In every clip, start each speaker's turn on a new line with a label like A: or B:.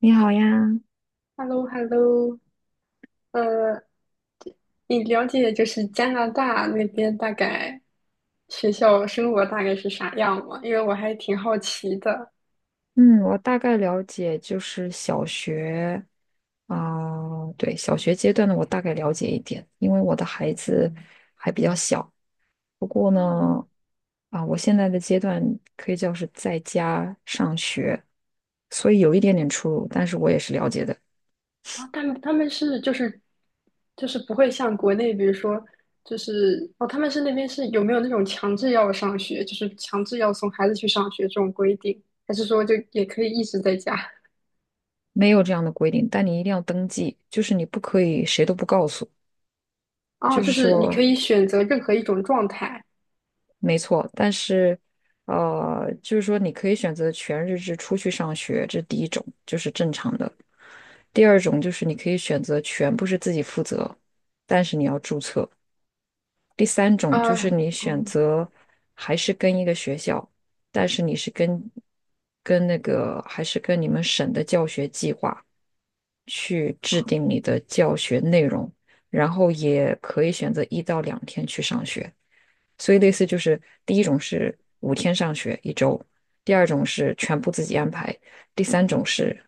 A: 你好呀。
B: h e l l o hello 呃，你了解就是加拿大那边大概学校生活大概是啥样吗？因为我还挺好奇的。
A: 嗯，我大概了解，就是小学，啊、对，小学阶段的我大概了解一点，因为我的孩子还比较小。不过
B: 啊
A: 呢，啊、我现在的阶段可以叫是在家上学，所以有一点点出入，但是我也是了解的。
B: 啊，他们就是不会像国内，比如说他们是那边是有没有那种强制要上学，就是强制要送孩子去上学这种规定，还是说就也可以一直在家？
A: 没有这样的规定，但你一定要登记，就是你不可以谁都不告诉，
B: 哦，
A: 就是
B: 就是你
A: 说。
B: 可以选择任何一种状态
A: 没错，但是，就是说你可以选择全日制出去上学，这是第一种，就是正常的。第二种就是你可以选择全部是自己负责，但是你要注册。第三
B: 啊。
A: 种就是你选
B: 哦，
A: 择还是跟一个学校，但是你是跟跟那个还是跟你们省的教学计划去制定你的教学内容，然后也可以选择一到两天去上学。所以类似就是第一种是五天上学一周，第二种是全部自己安排，第三种是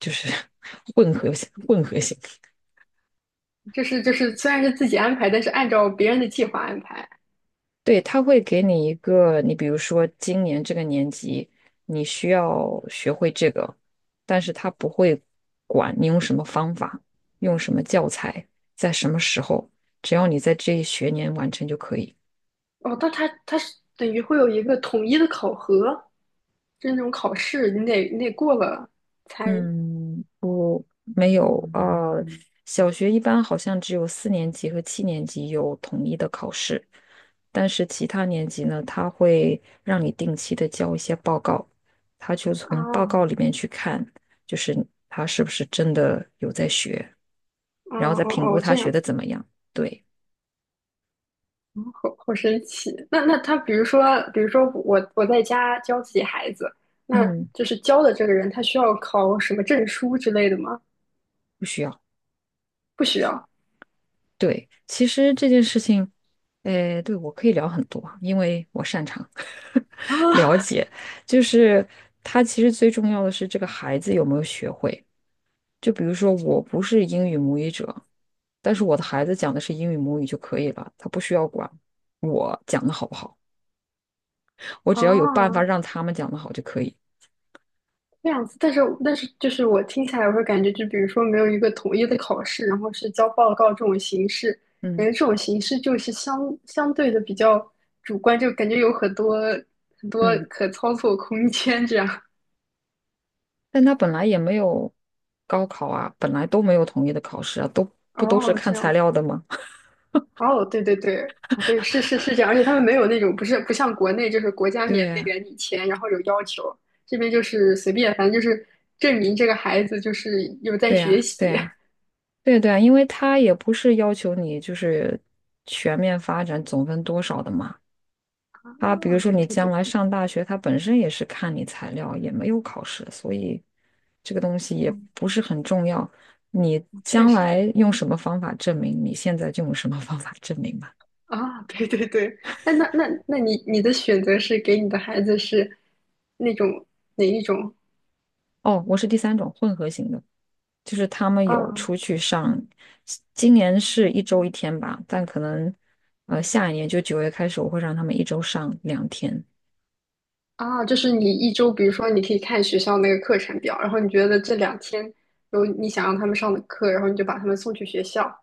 A: 就是 混合型。
B: 就是虽然是自己安排，但是按照别人的计划安排。
A: 对，他会给你一个，你比如说今年这个年级你需要学会这个，但是他不会管你用什么方法，用什么教材，在什么时候，只要你在这一学年完成就可以。
B: 哦，但他是等于会有一个统一的考核，就是那种考试，你得过了才
A: 嗯，不，没有。啊。嗯，小学一般好像只有四年级和七年级有统一的考试，但是其他年级呢，他会让你定期的交一些报告，他就
B: 啊。
A: 从报告
B: 哦
A: 里面去看，就是他是不是真的有在学，
B: 哦，
A: 然后再评估
B: 哦，
A: 他
B: 这
A: 学
B: 样
A: 的
B: 子。
A: 怎么样。对。
B: 好好神奇。那那他，比如说，我在家教自己孩子，那
A: 嗯，
B: 就是教的这个人，他需要考什么证书之类的吗？
A: 不需要。
B: 不需要
A: 对，其实这件事情，对我可以聊很多啊，因为我擅长 了
B: 啊
A: 解。就是他其实最重要的是这个孩子有没有学会。就比如说，我不是英语母语者，但是我的孩子讲的是英语母语就可以了，他不需要管我讲的好不好，我
B: 啊。
A: 只要有办法
B: 哦，
A: 让他们讲的好就可以。
B: 这样子。但是就是我听起来，我会感觉，就比如说没有一个统一的考试，然后是交报告这种形式，感
A: 嗯
B: 觉这种形式就是相对的比较主观，就感觉有很多
A: 嗯，
B: 可操作空间这样。
A: 但他本来也没有高考啊，本来都没有统一的考试啊，都不都是
B: 哦，
A: 看
B: 这样
A: 材
B: 子。
A: 料的吗？
B: 哦，对对对。啊，对，是是是，这样。而且他们没有那种不像国内就是国 家
A: 对
B: 免费
A: 呀，
B: 给你钱，然后有要求，这边就是随便，反正就是证明这个孩子就是有在
A: 对
B: 学
A: 呀，对
B: 习。
A: 呀。对对，啊，因为他也不是要求你就是全面发展总分多少的嘛。他比如
B: 啊，
A: 说
B: 对
A: 你
B: 对
A: 将
B: 对。
A: 来上大学，他本身也是看你材料，也没有考试，所以这个东西也
B: 嗯，
A: 不是很重要。你
B: 确
A: 将
B: 实。
A: 来用什么方法证明，你现在就用什么方法证明吧。
B: 啊，对对对。哎，那你的选择是给你的孩子是那种哪一种？
A: 哦，我是第三种混合型的，就是他们有出
B: 啊
A: 去上，今年是一周一天吧，但可能下一年就九月开始，我会让他们一周上两天。
B: 啊，就是你一周，比如说你可以看学校那个课程表，然后你觉得这两天有你想让他们上的课，然后你就把他们送去学校。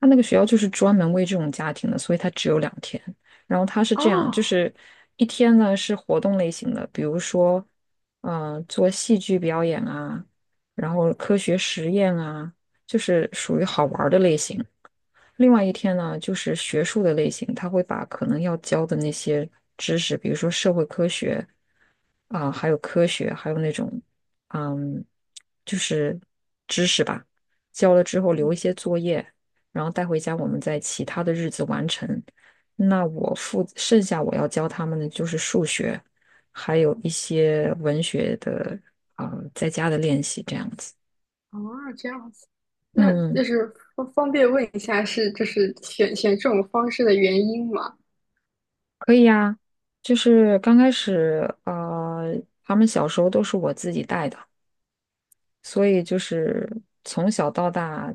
A: 他那个学校就是专门为这种家庭的，所以它只有两天。然后它是这样，就
B: 哦。
A: 是一天呢是活动类型的，比如说，做戏剧表演啊，然后科学实验啊，就是属于好玩儿的类型。另外一天呢，就是学术的类型，他会把可能要教的那些知识，比如说社会科学啊、还有科学，还有那种嗯，就是知识吧，教了之后留
B: 嗯。
A: 一些作业，然后带回家，我们在其他的日子完成。那我负剩下我要教他们的就是数学，还有一些文学的啊、在家的练习这样子。
B: 啊，这样子。那
A: 嗯。嗯，
B: 就是方便问一下是就是选这种方式的原因吗？
A: 可以呀，就是刚开始，他们小时候都是我自己带的，所以就是从小到大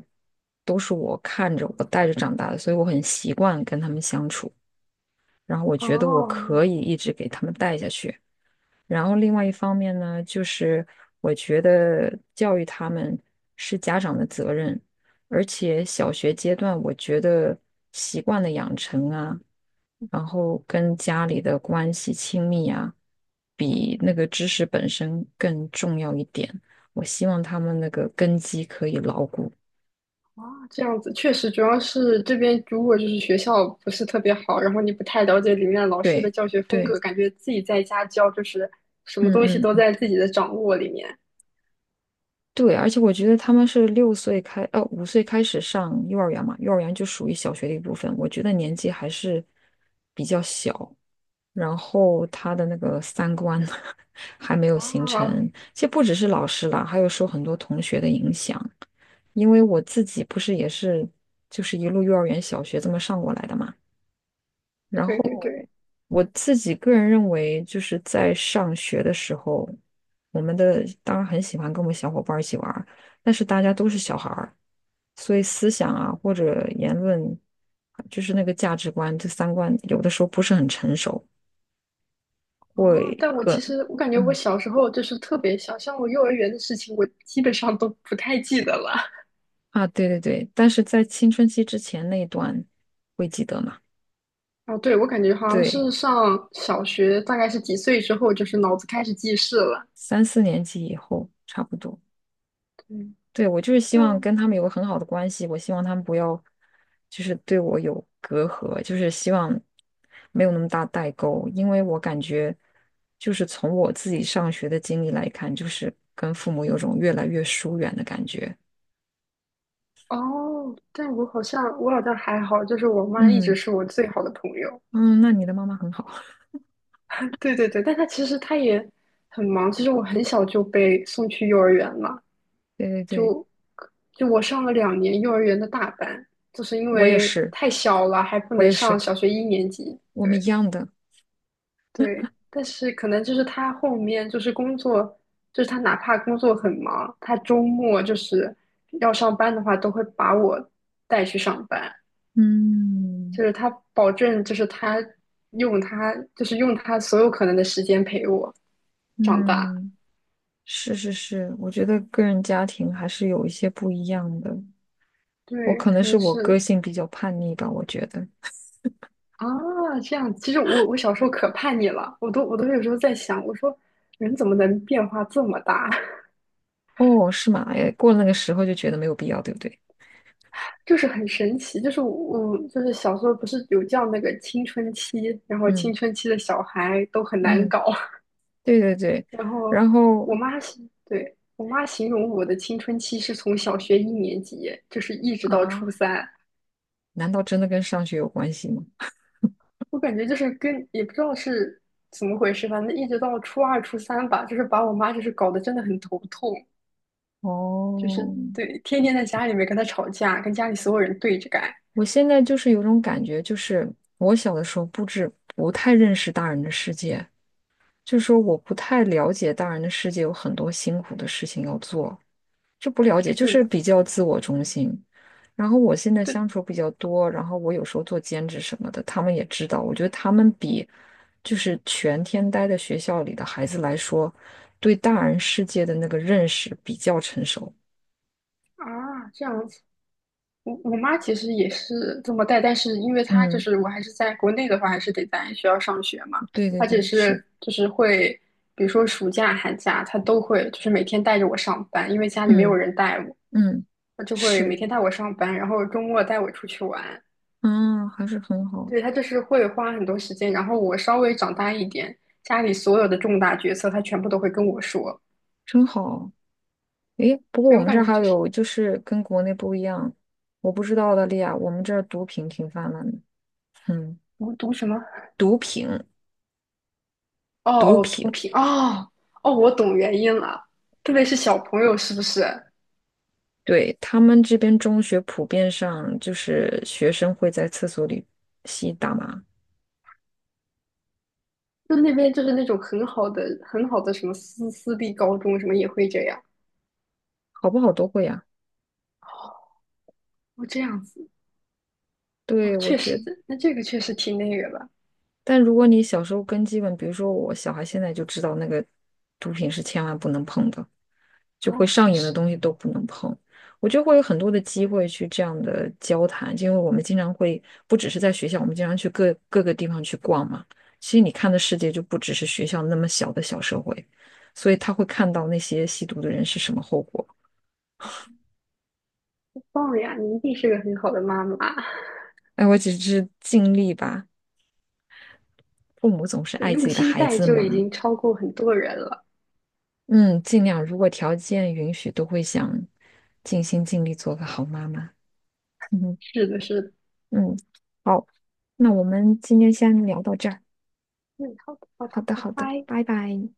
A: 都是我看着我带着长大的，所以我很习惯跟他们相处，然后我觉得我
B: 哦。
A: 可以一直给他们带下去。然后另外一方面呢，就是我觉得教育他们是家长的责任，而且小学阶段，我觉得习惯的养成啊，然后跟家里的关系亲密啊，比那个知识本身更重要一点。我希望他们那个根基可以牢固。
B: 啊，这样子，确实。主要是这边如果就是学校不是特别好，然后你不太了解里面老师的
A: 对
B: 教学风
A: 对，
B: 格，感觉自己在家教就是什么东西
A: 嗯
B: 都
A: 嗯。
B: 在自己的掌握里面
A: 对，而且我觉得他们是六岁开，五岁开始上幼儿园嘛，幼儿园就属于小学的一部分。我觉得年纪还是比较小，然后他的那个三观 还没有形成。
B: 啊。
A: 其实不只是老师啦，还有受很多同学的影响。因为我自己不是也是就是一路幼儿园、小学这么上过来的嘛，然
B: 对对
A: 后
B: 对。
A: 我自己个人认为，就是在上学的时候，我们的当然很喜欢跟我们小伙伴儿一起玩儿，但是大家都是小孩儿，所以思想啊或者言论，就是那个价值观、这三观，有的时候不是很成熟，
B: 啊，
A: 会
B: 但我其
A: 很
B: 实我感觉我
A: 嗯
B: 小时候就是特别小，像我幼儿园的事情，我基本上都不太记得了。
A: 啊，对对对，但是在青春期之前那一段会记得嘛？
B: 哦，对，我感觉好像
A: 对，
B: 是上小学，大概是几岁之后，就是脑子开始记事了。
A: 三四年级以后差不多。
B: 对。
A: 对，我就是希
B: 但
A: 望
B: 我
A: 跟他们有个很好的关系，我希望他们不要就是对我有隔阂，就是希望没有那么大代沟，因为我感觉就是从我自己上学的经历来看，就是跟父母有种越来越疏远的感觉。
B: 哦，但我好像还好，就是我妈一直
A: 嗯
B: 是我最好的朋友。
A: 嗯，那你的妈妈很好。
B: 对对对，但她其实她也很忙。其实我很小就被送去幼儿园了，
A: 对对对，
B: 就就我上了2年幼儿园的大班，就是因
A: 我也
B: 为
A: 是，
B: 太小了还不
A: 我
B: 能
A: 也
B: 上
A: 是，
B: 小学一年级。
A: 我们一
B: 对。
A: 样的。
B: 对，但是可能就是她后面就是工作，就是她哪怕工作很忙，她周末就是要上班的话，都会把我带去上班。
A: 嗯
B: 就是他保证，就是他，就是用他所有可能的时间陪我长大。
A: 嗯，是是是，我觉得个人家庭还是有一些不一样的。我
B: 对，
A: 可能
B: 可
A: 是
B: 能
A: 我个
B: 是
A: 性比较叛逆吧，我觉得。
B: 啊，这样。其实我我小时候可叛逆了，我都有时候在想，我说人怎么能变化这么大。
A: 哦，是吗？哎，过了那个时候就觉得没有必要，对不对？
B: 就是很神奇。就是我就是小时候不是有叫那个青春期，然后青
A: 嗯
B: 春期的小孩都很难
A: 嗯，
B: 搞。
A: 对对对。
B: 然后
A: 然
B: 我
A: 后
B: 妈是对，我妈形容我的青春期是从小学一年级，就是一直到
A: 啊，
B: 初三。
A: 难道真的跟上学有关系吗？
B: 我感觉就是跟也不知道是怎么回事，反正一直到初2、初三吧，就是把我妈就是搞得真的很头痛。
A: 哦，
B: 对，天天在家里面跟她吵架，跟家里所有人对着干。
A: 我现在就是有种感觉，就是我小的时候不太认识大人的世界，就是说我不太了解大人的世界有很多辛苦的事情要做，这不了解，就
B: 是
A: 是
B: 的。
A: 比较自我中心。然后我现在
B: 对。
A: 相处比较多，然后我有时候做兼职什么的，他们也知道。我觉得他们比就是全天待在学校里的孩子来说，对大人世界的那个认识比较成熟。
B: 啊，这样子。我我妈其实也是这么带，但是因为她
A: 嗯，
B: 我还是在国内的话，还是得在学校上学嘛。
A: 对对
B: 她只
A: 对，是，
B: 是就是会，比如说暑假、寒假，她都会就是每天带着我上班，因为家里没有
A: 嗯
B: 人带我，
A: 嗯，
B: 她就会每
A: 是，
B: 天带我上班，然后周末带我出去玩。
A: 啊，还是很好，
B: 对，他就是会花很多时间，然后我稍微长大一点，家里所有的重大决策，他全部都会跟我说。
A: 真好。诶，不过我
B: 对，我
A: 们这
B: 感
A: 儿
B: 觉
A: 还
B: 就是
A: 有就是跟国内不一样，我不知道澳大利亚，我们这儿毒品挺泛滥的。嗯，
B: 什么？
A: 毒品。
B: 哦
A: 毒
B: 哦，毒
A: 品。
B: 品，哦。哦，我懂原因了。特别是小朋友，是不是？
A: 对，他们这边中学普遍上就是学生会在厕所里吸大麻，
B: 就那边就是那种很好的、很好的什么私立高中，什么也会这样。
A: 好不好都会呀？
B: 哦。哦，这样子。哦，
A: 对，我
B: 确
A: 觉
B: 实。
A: 得
B: 那这个确实挺那个的。
A: 但如果你小时候根基本，比如说我小孩现在就知道那个毒品是千万不能碰的。就会
B: 哦，
A: 上
B: 确
A: 瘾的
B: 实。
A: 东西都不能碰。我就会有很多的机会去这样的交谈，因为我们经常会不只是在学校，我们经常去各个地方去逛嘛。其实你看的世界就不只是学校那么小的小社会，所以他会看到那些吸毒的人是什么后果。
B: 棒呀，你一定是个很好的妈妈。
A: 哎，我只是尽力吧，父母总 是
B: 对，
A: 爱自
B: 用
A: 己的
B: 心
A: 孩
B: 带
A: 子
B: 就已
A: 嘛。
B: 经超过很多人了。
A: 嗯，尽量如果条件允许，都会想尽心尽力做个好妈妈。嗯
B: 是的，是的。
A: 嗯，好，那我们今天先聊到这儿。
B: 嗯，好的，好
A: 好
B: 的，
A: 的，
B: 拜
A: 好的，
B: 拜。
A: 拜拜。